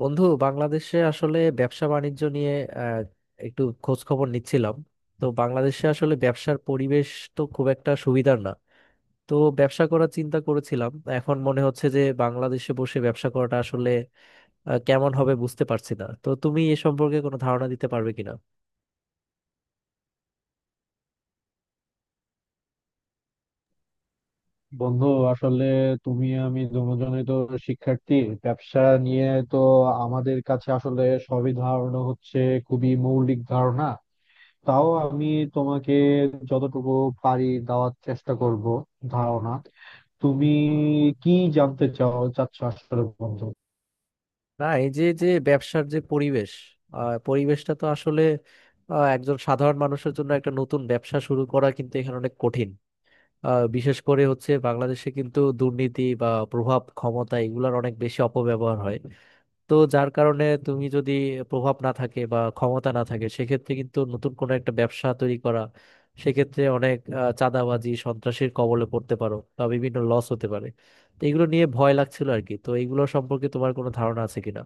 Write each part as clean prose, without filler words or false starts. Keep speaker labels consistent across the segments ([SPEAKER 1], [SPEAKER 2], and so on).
[SPEAKER 1] বন্ধু, বাংলাদেশে আসলে ব্যবসা বাণিজ্য নিয়ে আহ, একটু খোঁজ খবর নিচ্ছিলাম। তো বাংলাদেশে আসলে ব্যবসার পরিবেশ তো খুব একটা সুবিধার না। তো ব্যবসা করার চিন্তা করেছিলাম। এখন মনে হচ্ছে যে বাংলাদেশে বসে ব্যবসা করাটা আসলে কেমন হবে বুঝতে পারছি না। তো তুমি এ সম্পর্কে কোনো ধারণা দিতে পারবে কিনা?
[SPEAKER 2] বন্ধু, আসলে তুমি আমি দুজনেই তো শিক্ষার্থী। ব্যবসা নিয়ে তো আমাদের কাছে আসলে সবই ধারণা হচ্ছে খুবই মৌলিক ধারণা। তাও আমি তোমাকে যতটুকু পারি দেওয়ার চেষ্টা করব। ধারণা তুমি কি জানতে চাও চাচ্ছ আসলে বন্ধু?
[SPEAKER 1] না, এই যে যে ব্যবসার যে পরিবেশ, পরিবেশটা তো আসলে একজন সাধারণ মানুষের জন্য একটা নতুন ব্যবসা শুরু করা কিন্তু এখানে অনেক কঠিন। বিশেষ করে হচ্ছে বাংলাদেশে কিন্তু দুর্নীতি বা প্রভাব ক্ষমতা এগুলোর অনেক বেশি অপব্যবহার হয়। তো যার কারণে তুমি যদি প্রভাব না থাকে বা ক্ষমতা না থাকে সেক্ষেত্রে কিন্তু নতুন কোনো একটা ব্যবসা তৈরি করা সেক্ষেত্রে অনেক চাঁদাবাজি সন্ত্রাসীর কবলে পড়তে পারো বা বিভিন্ন লস হতে পারে। তো এগুলো নিয়ে ভয় লাগছিল আর কি। তো এগুলো সম্পর্কে তোমার কোনো ধারণা আছে কিনা?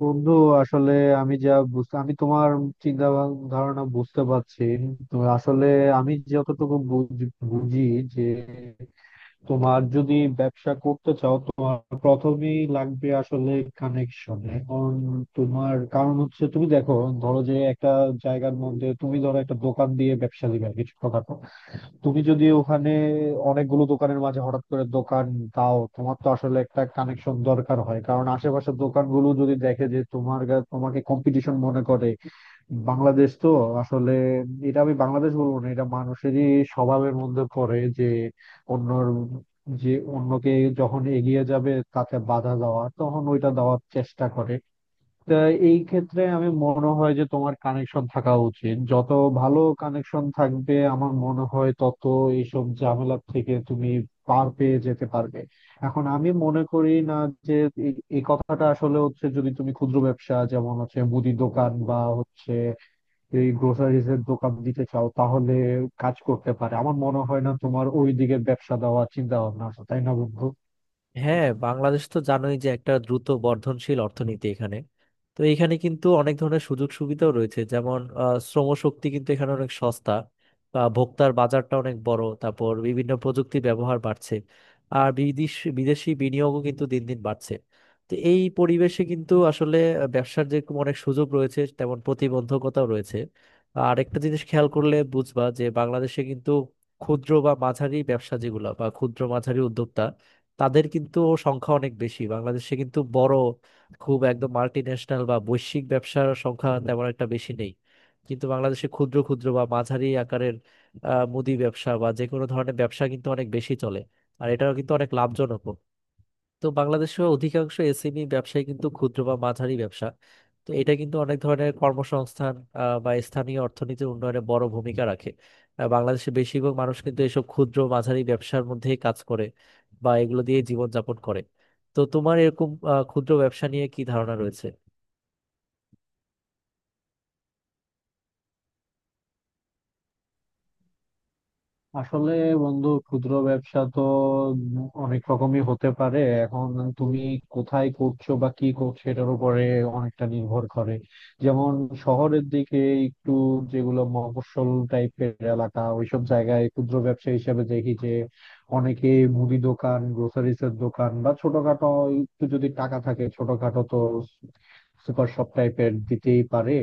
[SPEAKER 2] বন্ধু, আসলে আমি যা বুঝতে, আমি তোমার ধারণা বুঝতে পারছি। তো আসলে আমি যতটুকু বুঝি যে, তোমার যদি ব্যবসা করতে চাও, তোমার প্রথমেই লাগবে আসলে কানেকশন। এখন তোমার কারণ হচ্ছে, তুমি দেখো, ধরো যে একটা জায়গার মধ্যে তুমি ধরো একটা দোকান দিয়ে ব্যবসা দিবে কিছু কথা। তুমি যদি ওখানে অনেকগুলো দোকানের মাঝে হঠাৎ করে দোকান দাও, তোমার তো আসলে একটা কানেকশন দরকার হয়, কারণ আশেপাশের দোকানগুলো যদি দেখে যে তোমার তোমাকে কম্পিটিশন মনে করে। বাংলাদেশ তো আসলে, এটা আমি বাংলাদেশ বলবো না, এটা মানুষেরই স্বভাবের মধ্যে পড়ে যে অন্যর, যে অন্যকে যখন এগিয়ে যাবে তাকে বাধা দেওয়া, তখন ওইটা দেওয়ার চেষ্টা করে। তা এই ক্ষেত্রে আমি মনে হয় যে তোমার কানেকশন থাকা উচিত, যত ভালো কানেকশন থাকবে আমার মনে হয় তত এইসব ঝামেলা থেকে তুমি পার পেয়ে যেতে পারবে। এখন আমি মনে করি না যে, এই এই কথাটা আসলে হচ্ছে, যদি তুমি ক্ষুদ্র ব্যবসা যেমন হচ্ছে মুদি দোকান বা হচ্ছে এই গ্রোসারিজ এর দোকান দিতে চাও, তাহলে কাজ করতে পারে। আমার মনে হয় না তোমার ওই দিকে ব্যবসা দেওয়ার চিন্তা ভাবনা আছে, তাই না বন্ধু?
[SPEAKER 1] হ্যাঁ, বাংলাদেশ তো জানোই যে একটা দ্রুত বর্ধনশীল অর্থনীতি এখানে। তো এখানে কিন্তু অনেক ধরনের সুযোগ সুবিধাও রয়েছে, যেমন শ্রমশক্তি কিন্তু এখানে অনেক সস্তা, বা ভোক্তার বাজারটা অনেক বড়। তারপর বিভিন্ন প্রযুক্তি ব্যবহার বাড়ছে। আর বিদেশি বিনিয়োগও কিন্তু দিন দিন বাড়ছে। তো এই পরিবেশে কিন্তু আসলে ব্যবসার যে অনেক সুযোগ রয়েছে তেমন প্রতিবন্ধকতাও রয়েছে। আর একটা জিনিস খেয়াল করলে বুঝবা যে বাংলাদেশে কিন্তু ক্ষুদ্র বা মাঝারি ব্যবসা যেগুলো বা ক্ষুদ্র মাঝারি উদ্যোক্তা তাদের কিন্তু সংখ্যা অনেক বেশি। বাংলাদেশে কিন্তু বড় খুব একদম মাল্টি ন্যাশনাল বা বৈশ্বিক ব্যবসার সংখ্যা তেমন একটা বেশি নেই, কিন্তু বাংলাদেশে ক্ষুদ্র ক্ষুদ্র বা মাঝারি আকারের মুদি ব্যবসা বা যে কোনো ধরনের ব্যবসা কিন্তু অনেক বেশি চলে। আর এটাও কিন্তু অনেক লাভজনক। তো বাংলাদেশেও অধিকাংশ এসএমই ব্যবসায় কিন্তু ক্ষুদ্র বা মাঝারি ব্যবসা। তো এটা কিন্তু অনেক ধরনের কর্মসংস্থান বা স্থানীয় অর্থনীতির উন্নয়নে বড় ভূমিকা রাখে। বাংলাদেশের বেশিরভাগ মানুষ কিন্তু এসব ক্ষুদ্র মাঝারি ব্যবসার মধ্যেই কাজ করে বা এগুলো দিয়ে জীবনযাপন করে। তো তোমার এরকম ক্ষুদ্র ব্যবসা নিয়ে কি ধারণা রয়েছে?
[SPEAKER 2] আসলে বন্ধু, ক্ষুদ্র ব্যবসা তো অনেক রকমই হতে পারে। এখন তুমি কোথায় করছো বা কি করছো, এটার উপরে অনেকটা নির্ভর করে। যেমন শহরের দিকে, একটু যেগুলো মফস্বল টাইপের এলাকা, ওইসব জায়গায় ক্ষুদ্র ব্যবসা হিসেবে দেখি যে, অনেকে মুদি দোকান, গ্রোসারিস এর দোকান বা ছোটখাটো, একটু যদি টাকা থাকে ছোটখাটো তো সুপার শপ টাইপের দিতেই পারে।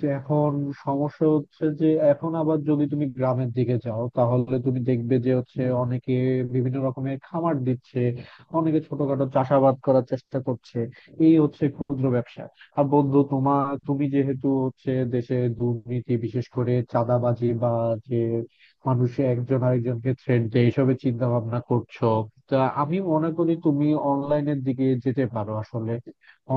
[SPEAKER 2] যে এখন সমস্যা হচ্ছে যে, এখন আবার যদি তুমি গ্রামের দিকে যাও, তাহলে তুমি দেখবে যে হচ্ছে অনেকে বিভিন্ন রকমের খামার দিচ্ছে, অনেকে ছোটখাটো চাষাবাদ করার চেষ্টা করছে। এই হচ্ছে ক্ষুদ্র ব্যবসা। আর বন্ধু, তোমার তুমি যেহেতু হচ্ছে দেশে দুর্নীতি, বিশেষ করে চাঁদাবাজি বা যে মানুষে একজন আরেকজনকে থ্রেট দেয়, এসবের চিন্তা ভাবনা করছো, তা আমি মনে করি তুমি অনলাইনের দিকে যেতে পারো। আসলে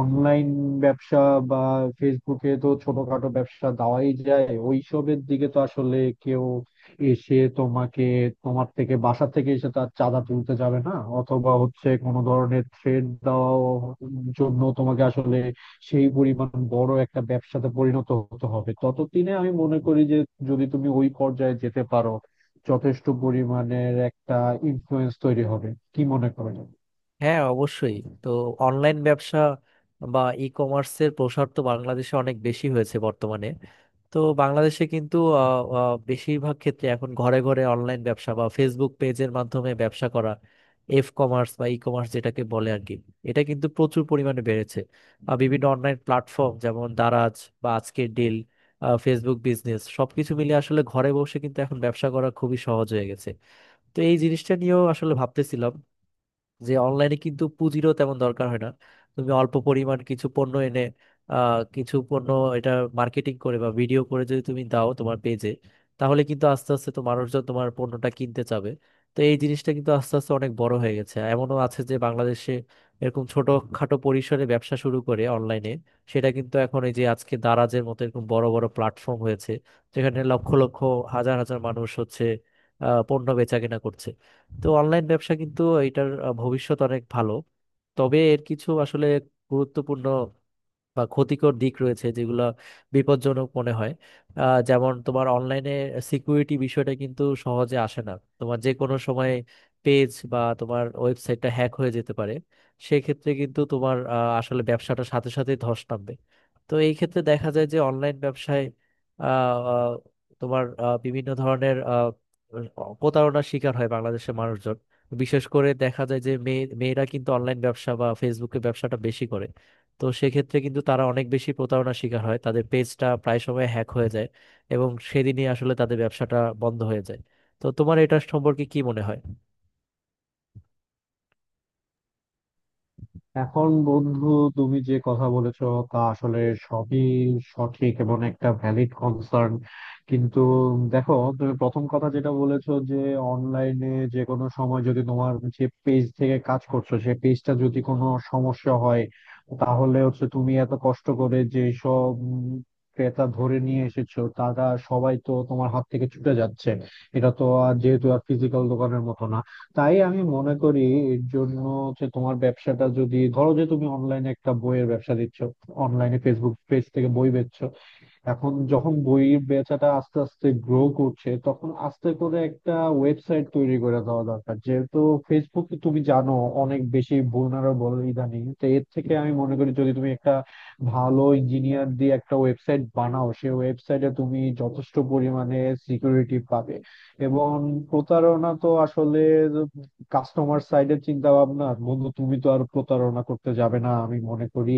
[SPEAKER 2] অনলাইন ব্যবসা বা ফেসবুকে তো ছোটখাটো ব্যবসা দেওয়াই যায়। ওইসবের দিকে তো আসলে কেউ এসে তোমাকে, তোমার থেকে বাসা থেকে এসে তার চাঁদা তুলতে যাবে না। অথবা হচ্ছে কোনো ধরনের থ্রেড দেওয়ার জন্য তোমাকে আসলে সেই পরিমাণ বড় একটা ব্যবসাতে পরিণত হতে হবে। ততদিনে আমি মনে করি যে, যদি তুমি ওই পর্যায়ে যেতে পারো, যথেষ্ট পরিমাণের একটা ইনফ্লুয়েন্স তৈরি হবে। কি মনে করেন?
[SPEAKER 1] হ্যাঁ, অবশ্যই। তো অনলাইন ব্যবসা বা ই কমার্সের প্রসার তো বাংলাদেশে অনেক বেশি হয়েছে বর্তমানে। তো বাংলাদেশে কিন্তু আহ, আহ, বেশিরভাগ ক্ষেত্রে এখন ঘরে ঘরে অনলাইন ব্যবসা বা ফেসবুক পেজের মাধ্যমে ব্যবসা করা, এফ কমার্স বা ই কমার্স যেটাকে বলে আর কি, এটা কিন্তু প্রচুর পরিমাণে বেড়েছে। বিভিন্ন অনলাইন প্ল্যাটফর্ম যেমন দারাজ বা আজকের ডিল, ফেসবুক বিজনেস সবকিছু মিলে আসলে ঘরে বসে কিন্তু এখন ব্যবসা করা খুবই সহজ হয়ে গেছে। তো এই জিনিসটা নিয়েও আসলে ভাবতেছিলাম যে অনলাইনে কিন্তু পুঁজিরও তেমন দরকার হয় না। তুমি অল্প পরিমাণ কিছু পণ্য এনে কিছু পণ্য এটা মার্কেটিং করে বা ভিডিও করে যদি তুমি দাও তোমার পেজে তাহলে কিন্তু আস্তে আস্তে তো মানুষজন তোমার পণ্যটা কিনতে চাবে। তো এই জিনিসটা কিন্তু আস্তে আস্তে অনেক বড় হয়ে গেছে। এমনও আছে যে বাংলাদেশে এরকম ছোটখাটো পরিসরে ব্যবসা শুরু করে অনলাইনে সেটা কিন্তু এখন এই যে আজকে দারাজের মতো এরকম বড় বড় প্ল্যাটফর্ম হয়েছে, যেখানে লক্ষ লক্ষ হাজার হাজার মানুষ হচ্ছে পণ্য বেচাকেনা করছে। তো অনলাইন ব্যবসা কিন্তু এটার ভবিষ্যৎ অনেক ভালো। তবে এর কিছু আসলে গুরুত্বপূর্ণ বা ক্ষতিকর দিক রয়েছে যেগুলো বিপজ্জনক মনে হয়। যেমন তোমার অনলাইনে সিকিউরিটি বিষয়টা কিন্তু সহজে আসে না। তোমার যে কোনো সময় পেজ বা তোমার ওয়েবসাইটটা হ্যাক হয়ে যেতে পারে। সেক্ষেত্রে কিন্তু তোমার আসলে ব্যবসাটা সাথে সাথে ধস নামবে। তো এই ক্ষেত্রে দেখা যায় যে অনলাইন ব্যবসায় আহ, আহ, তোমার বিভিন্ন ধরনের প্রতারণার শিকার হয় বাংলাদেশের মানুষজন। বিশেষ করে দেখা যায় যে মেয়েরা কিন্তু অনলাইন ব্যবসা বা ফেসবুকে ব্যবসাটা বেশি করে। তো সেক্ষেত্রে কিন্তু তারা অনেক বেশি প্রতারণার শিকার হয়, তাদের পেজটা প্রায় সময় হ্যাক হয়ে যায় এবং সেদিনই আসলে তাদের ব্যবসাটা বন্ধ হয়ে যায়। তো তোমার এটা সম্পর্কে কি মনে হয়?
[SPEAKER 2] এখন বন্ধু, তুমি যে কথা বলেছো তা আসলে সবই সঠিক এবং একটা ভ্যালিড কনসার্ন। কিন্তু দেখো, তুমি প্রথম কথা যেটা বলেছো যে, অনলাইনে যে কোনো সময় যদি তোমার যে পেজ থেকে কাজ করছো সেই পেজটা যদি কোনো সমস্যা হয়, তাহলে হচ্ছে তুমি এত কষ্ট করে যে সব ক্রেতা ধরে নিয়ে এসেছো তারা সবাই তো তোমার হাত থেকে ছুটে যাচ্ছে। এটা তো আর যেহেতু আর ফিজিক্যাল দোকানের মতো না, তাই আমি মনে করি এর জন্য যে, তোমার ব্যবসাটা যদি ধরো যে তুমি অনলাইনে একটা বইয়ের ব্যবসা দিচ্ছ, অনলাইনে ফেসবুক পেজ থেকে বই বেচছো, এখন যখন বইয়ের বেচাটা আস্তে আস্তে গ্রো করছে, তখন আস্তে করে একটা ওয়েবসাইট তৈরি করে দেওয়া দরকার, যেহেতু ফেসবুক তুমি জানো অনেক বেশি vulnerable ইদানিং। তো এর থেকে আমি মনে করি যদি তুমি একটা ভালো ইঞ্জিনিয়ার দিয়ে একটা ওয়েবসাইট বানাও, সেই ওয়েবসাইটে তুমি যথেষ্ট পরিমাণে সিকিউরিটি পাবে। এবং প্রতারণা তো আসলে কাস্টমার সাইডের চিন্তা ভাবনা বন্ধু, তুমি তো আর প্রতারণা করতে যাবে না আমি মনে করি।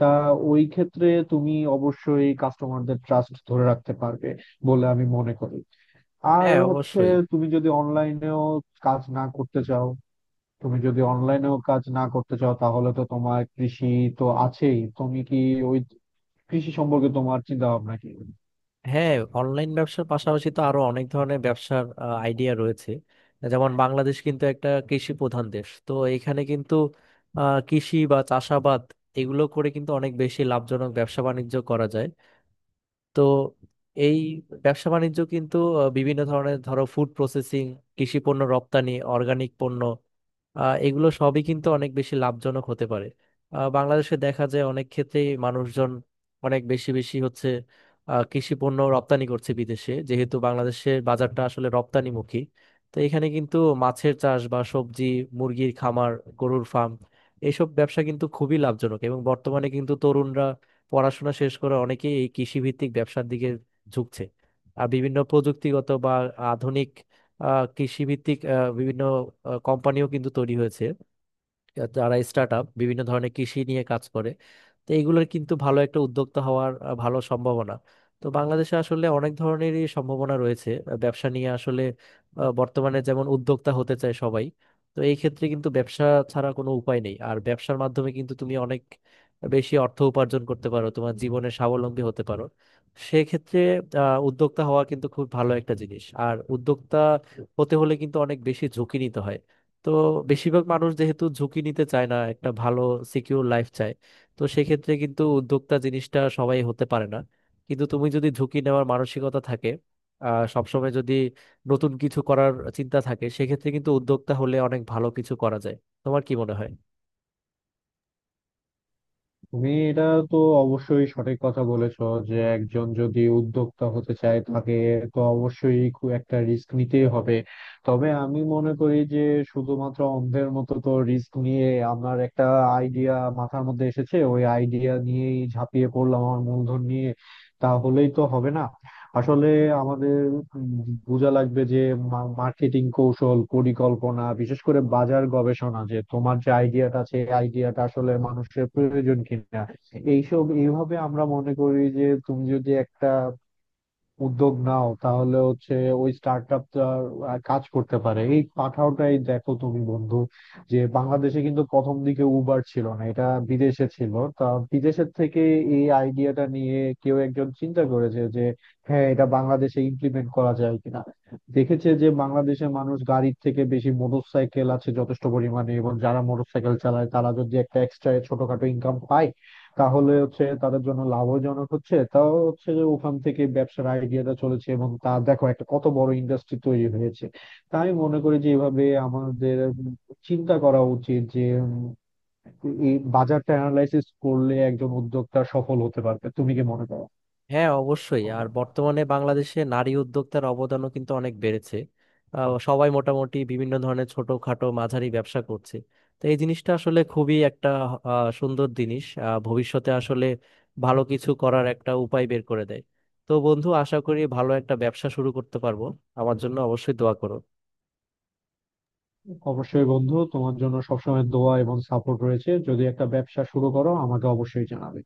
[SPEAKER 2] তা ওই ক্ষেত্রে তুমি অবশ্যই কাস্টমারদের ট্রাস্ট ধরে রাখতে পারবে বলে আমি মনে করি। আর
[SPEAKER 1] হ্যাঁ,
[SPEAKER 2] হচ্ছে,
[SPEAKER 1] অবশ্যই।
[SPEAKER 2] তুমি যদি অনলাইনেও কাজ না করতে চাও তুমি যদি অনলাইনেও কাজ না করতে চাও, তাহলে তো তোমার কৃষি তো আছেই। তুমি কি ওই কৃষি সম্পর্কে, তোমার চিন্তা ভাবনা কি?
[SPEAKER 1] হ্যাঁ, অনলাইন ব্যবসার পাশাপাশি তো আরো অনেক ধরনের ব্যবসার আইডিয়া রয়েছে, যেমন বাংলাদেশ কিন্তু একটা কৃষি প্রধান দেশ। তো এখানে কিন্তু কৃষি বা চাষাবাদ এগুলো করে কিন্তু অনেক বেশি লাভজনক ব্যবসা বাণিজ্য করা যায়। তো এই ব্যবসা বাণিজ্য কিন্তু বিভিন্ন ধরনের ধরো ফুড প্রসেসিং, কৃষি পণ্য রপ্তানি, অর্গানিক পণ্য, এগুলো সবই কিন্তু অনেক বেশি লাভজনক হতে পারে। বাংলাদেশে দেখা যায় অনেক ক্ষেত্রেই মানুষজন অনেক বেশি বেশি হচ্ছে কৃষি পণ্য রপ্তানি করছে বিদেশে, যেহেতু বাংলাদেশের বাজারটা আসলে রপ্তানিমুখী। তো এখানে কিন্তু মাছের চাষ বা সবজি, মুরগির খামার, গরুর ফার্ম এইসব ব্যবসা কিন্তু খুবই লাভজনক এবং বর্তমানে কিন্তু তরুণরা পড়াশোনা শেষ করে অনেকেই এই কৃষিভিত্তিক ব্যবসার দিকে ঝুঁকছে। আর বিভিন্ন প্রযুক্তিগত বা আধুনিক কৃষিভিত্তিক বিভিন্ন কোম্পানিও কিন্তু তৈরি হয়েছে, যারা স্টার্ট আপ বিভিন্ন ধরনের কৃষি নিয়ে কাজ করে। তো এগুলোর কিন্তু ভালো একটা উদ্যোক্তা হওয়ার ভালো সম্ভাবনা। তো বাংলাদেশে আসলে অনেক ধরনেরই সম্ভাবনা রয়েছে ব্যবসা নিয়ে আসলে। বর্তমানে যেমন উদ্যোক্তা হতে চায় সবাই। তো এই ক্ষেত্রে কিন্তু ব্যবসা ছাড়া কোনো উপায় নেই। আর ব্যবসার মাধ্যমে কিন্তু তুমি অনেক বেশি অর্থ উপার্জন করতে পারো, তোমার জীবনে স্বাবলম্বী হতে পারো। সেক্ষেত্রে উদ্যোক্তা হওয়া কিন্তু খুব ভালো একটা জিনিস। আর উদ্যোক্তা হতে হলে কিন্তু অনেক বেশি ঝুঁকি নিতে হয়। তো বেশিরভাগ মানুষ যেহেতু ঝুঁকি নিতে চায় না, একটা ভালো সিকিউর লাইফ চায়, তো সেক্ষেত্রে কিন্তু উদ্যোক্তা জিনিসটা সবাই হতে পারে না। কিন্তু তুমি যদি ঝুঁকি নেওয়ার মানসিকতা থাকে, সবসময় যদি নতুন কিছু করার চিন্তা থাকে সেক্ষেত্রে কিন্তু উদ্যোক্তা হলে অনেক ভালো কিছু করা যায়। তোমার কি মনে হয়?
[SPEAKER 2] তুমি এটা তো অবশ্যই সঠিক কথা বলেছো যে, একজন যদি উদ্যোক্তা হতে চায় তাকে তো অবশ্যই খুব একটা রিস্ক নিতেই হবে। তবে আমি মনে করি যে, শুধুমাত্র অন্ধের মতো তো রিস্ক নিয়ে, আমার একটা আইডিয়া মাথার মধ্যে এসেছে, ওই আইডিয়া নিয়েই ঝাঁপিয়ে পড়লাম আমার মূলধন নিয়ে, তাহলেই তো হবে না। আসলে আমাদের বোঝা লাগবে যে মার্কেটিং কৌশল, পরিকল্পনা, বিশেষ করে বাজার গবেষণা, যে তোমার যে আইডিয়াটা আছে আইডিয়াটা আসলে মানুষের প্রয়োজন কিনা। এইসব এইভাবে আমরা মনে করি যে তুমি যদি একটা উদ্যোগ নাও, তাহলে হচ্ছে ওই স্টার্ট আপটা কাজ করতে পারে। এই পাঠাওটাই দেখো তুমি বন্ধু, যে বাংলাদেশে কিন্তু প্রথম দিকে উবার ছিল না, এটা বিদেশে ছিল। তা বিদেশের থেকে এই আইডিয়াটা নিয়ে কেউ একজন চিন্তা করেছে যে, হ্যাঁ, এটা বাংলাদেশে ইমপ্লিমেন্ট করা যায় কিনা। দেখেছে যে বাংলাদেশের মানুষ গাড়ির থেকে বেশি মোটর সাইকেল আছে যথেষ্ট পরিমাণে, এবং যারা মোটর সাইকেল চালায় তারা যদি একটা এক্সট্রা ছোটখাটো ইনকাম পায়, তাহলে হচ্ছে তাদের জন্য লাভজনক হচ্ছে। তাও হচ্ছে যে, ওখান থেকে ব্যবসার আইডিয়াটা চলেছে এবং তা দেখো একটা কত বড় ইন্ডাস্ট্রি তৈরি হয়েছে। তাই আমি মনে করি যে এভাবে আমাদের চিন্তা করা উচিত যে, এই বাজারটা অ্যানালাইসিস করলে একজন উদ্যোক্তা সফল হতে পারবে। তুমি কি মনে করো?
[SPEAKER 1] হ্যাঁ, অবশ্যই। আর বর্তমানে বাংলাদেশে নারী উদ্যোক্তার অবদানও কিন্তু অনেক বেড়েছে। সবাই মোটামুটি বিভিন্ন ধরনের ছোটখাটো মাঝারি ব্যবসা করছে। তো এই জিনিসটা আসলে খুবই একটা সুন্দর জিনিস। ভবিষ্যতে আসলে ভালো কিছু করার একটা উপায় বের করে দেয়। তো বন্ধু, আশা করি ভালো একটা ব্যবসা শুরু করতে পারবো। আমার জন্য অবশ্যই দোয়া করো।
[SPEAKER 2] অবশ্যই বন্ধু, তোমার জন্য সবসময় দোয়া এবং সাপোর্ট রয়েছে। যদি একটা ব্যবসা শুরু করো আমাকে অবশ্যই জানাবে।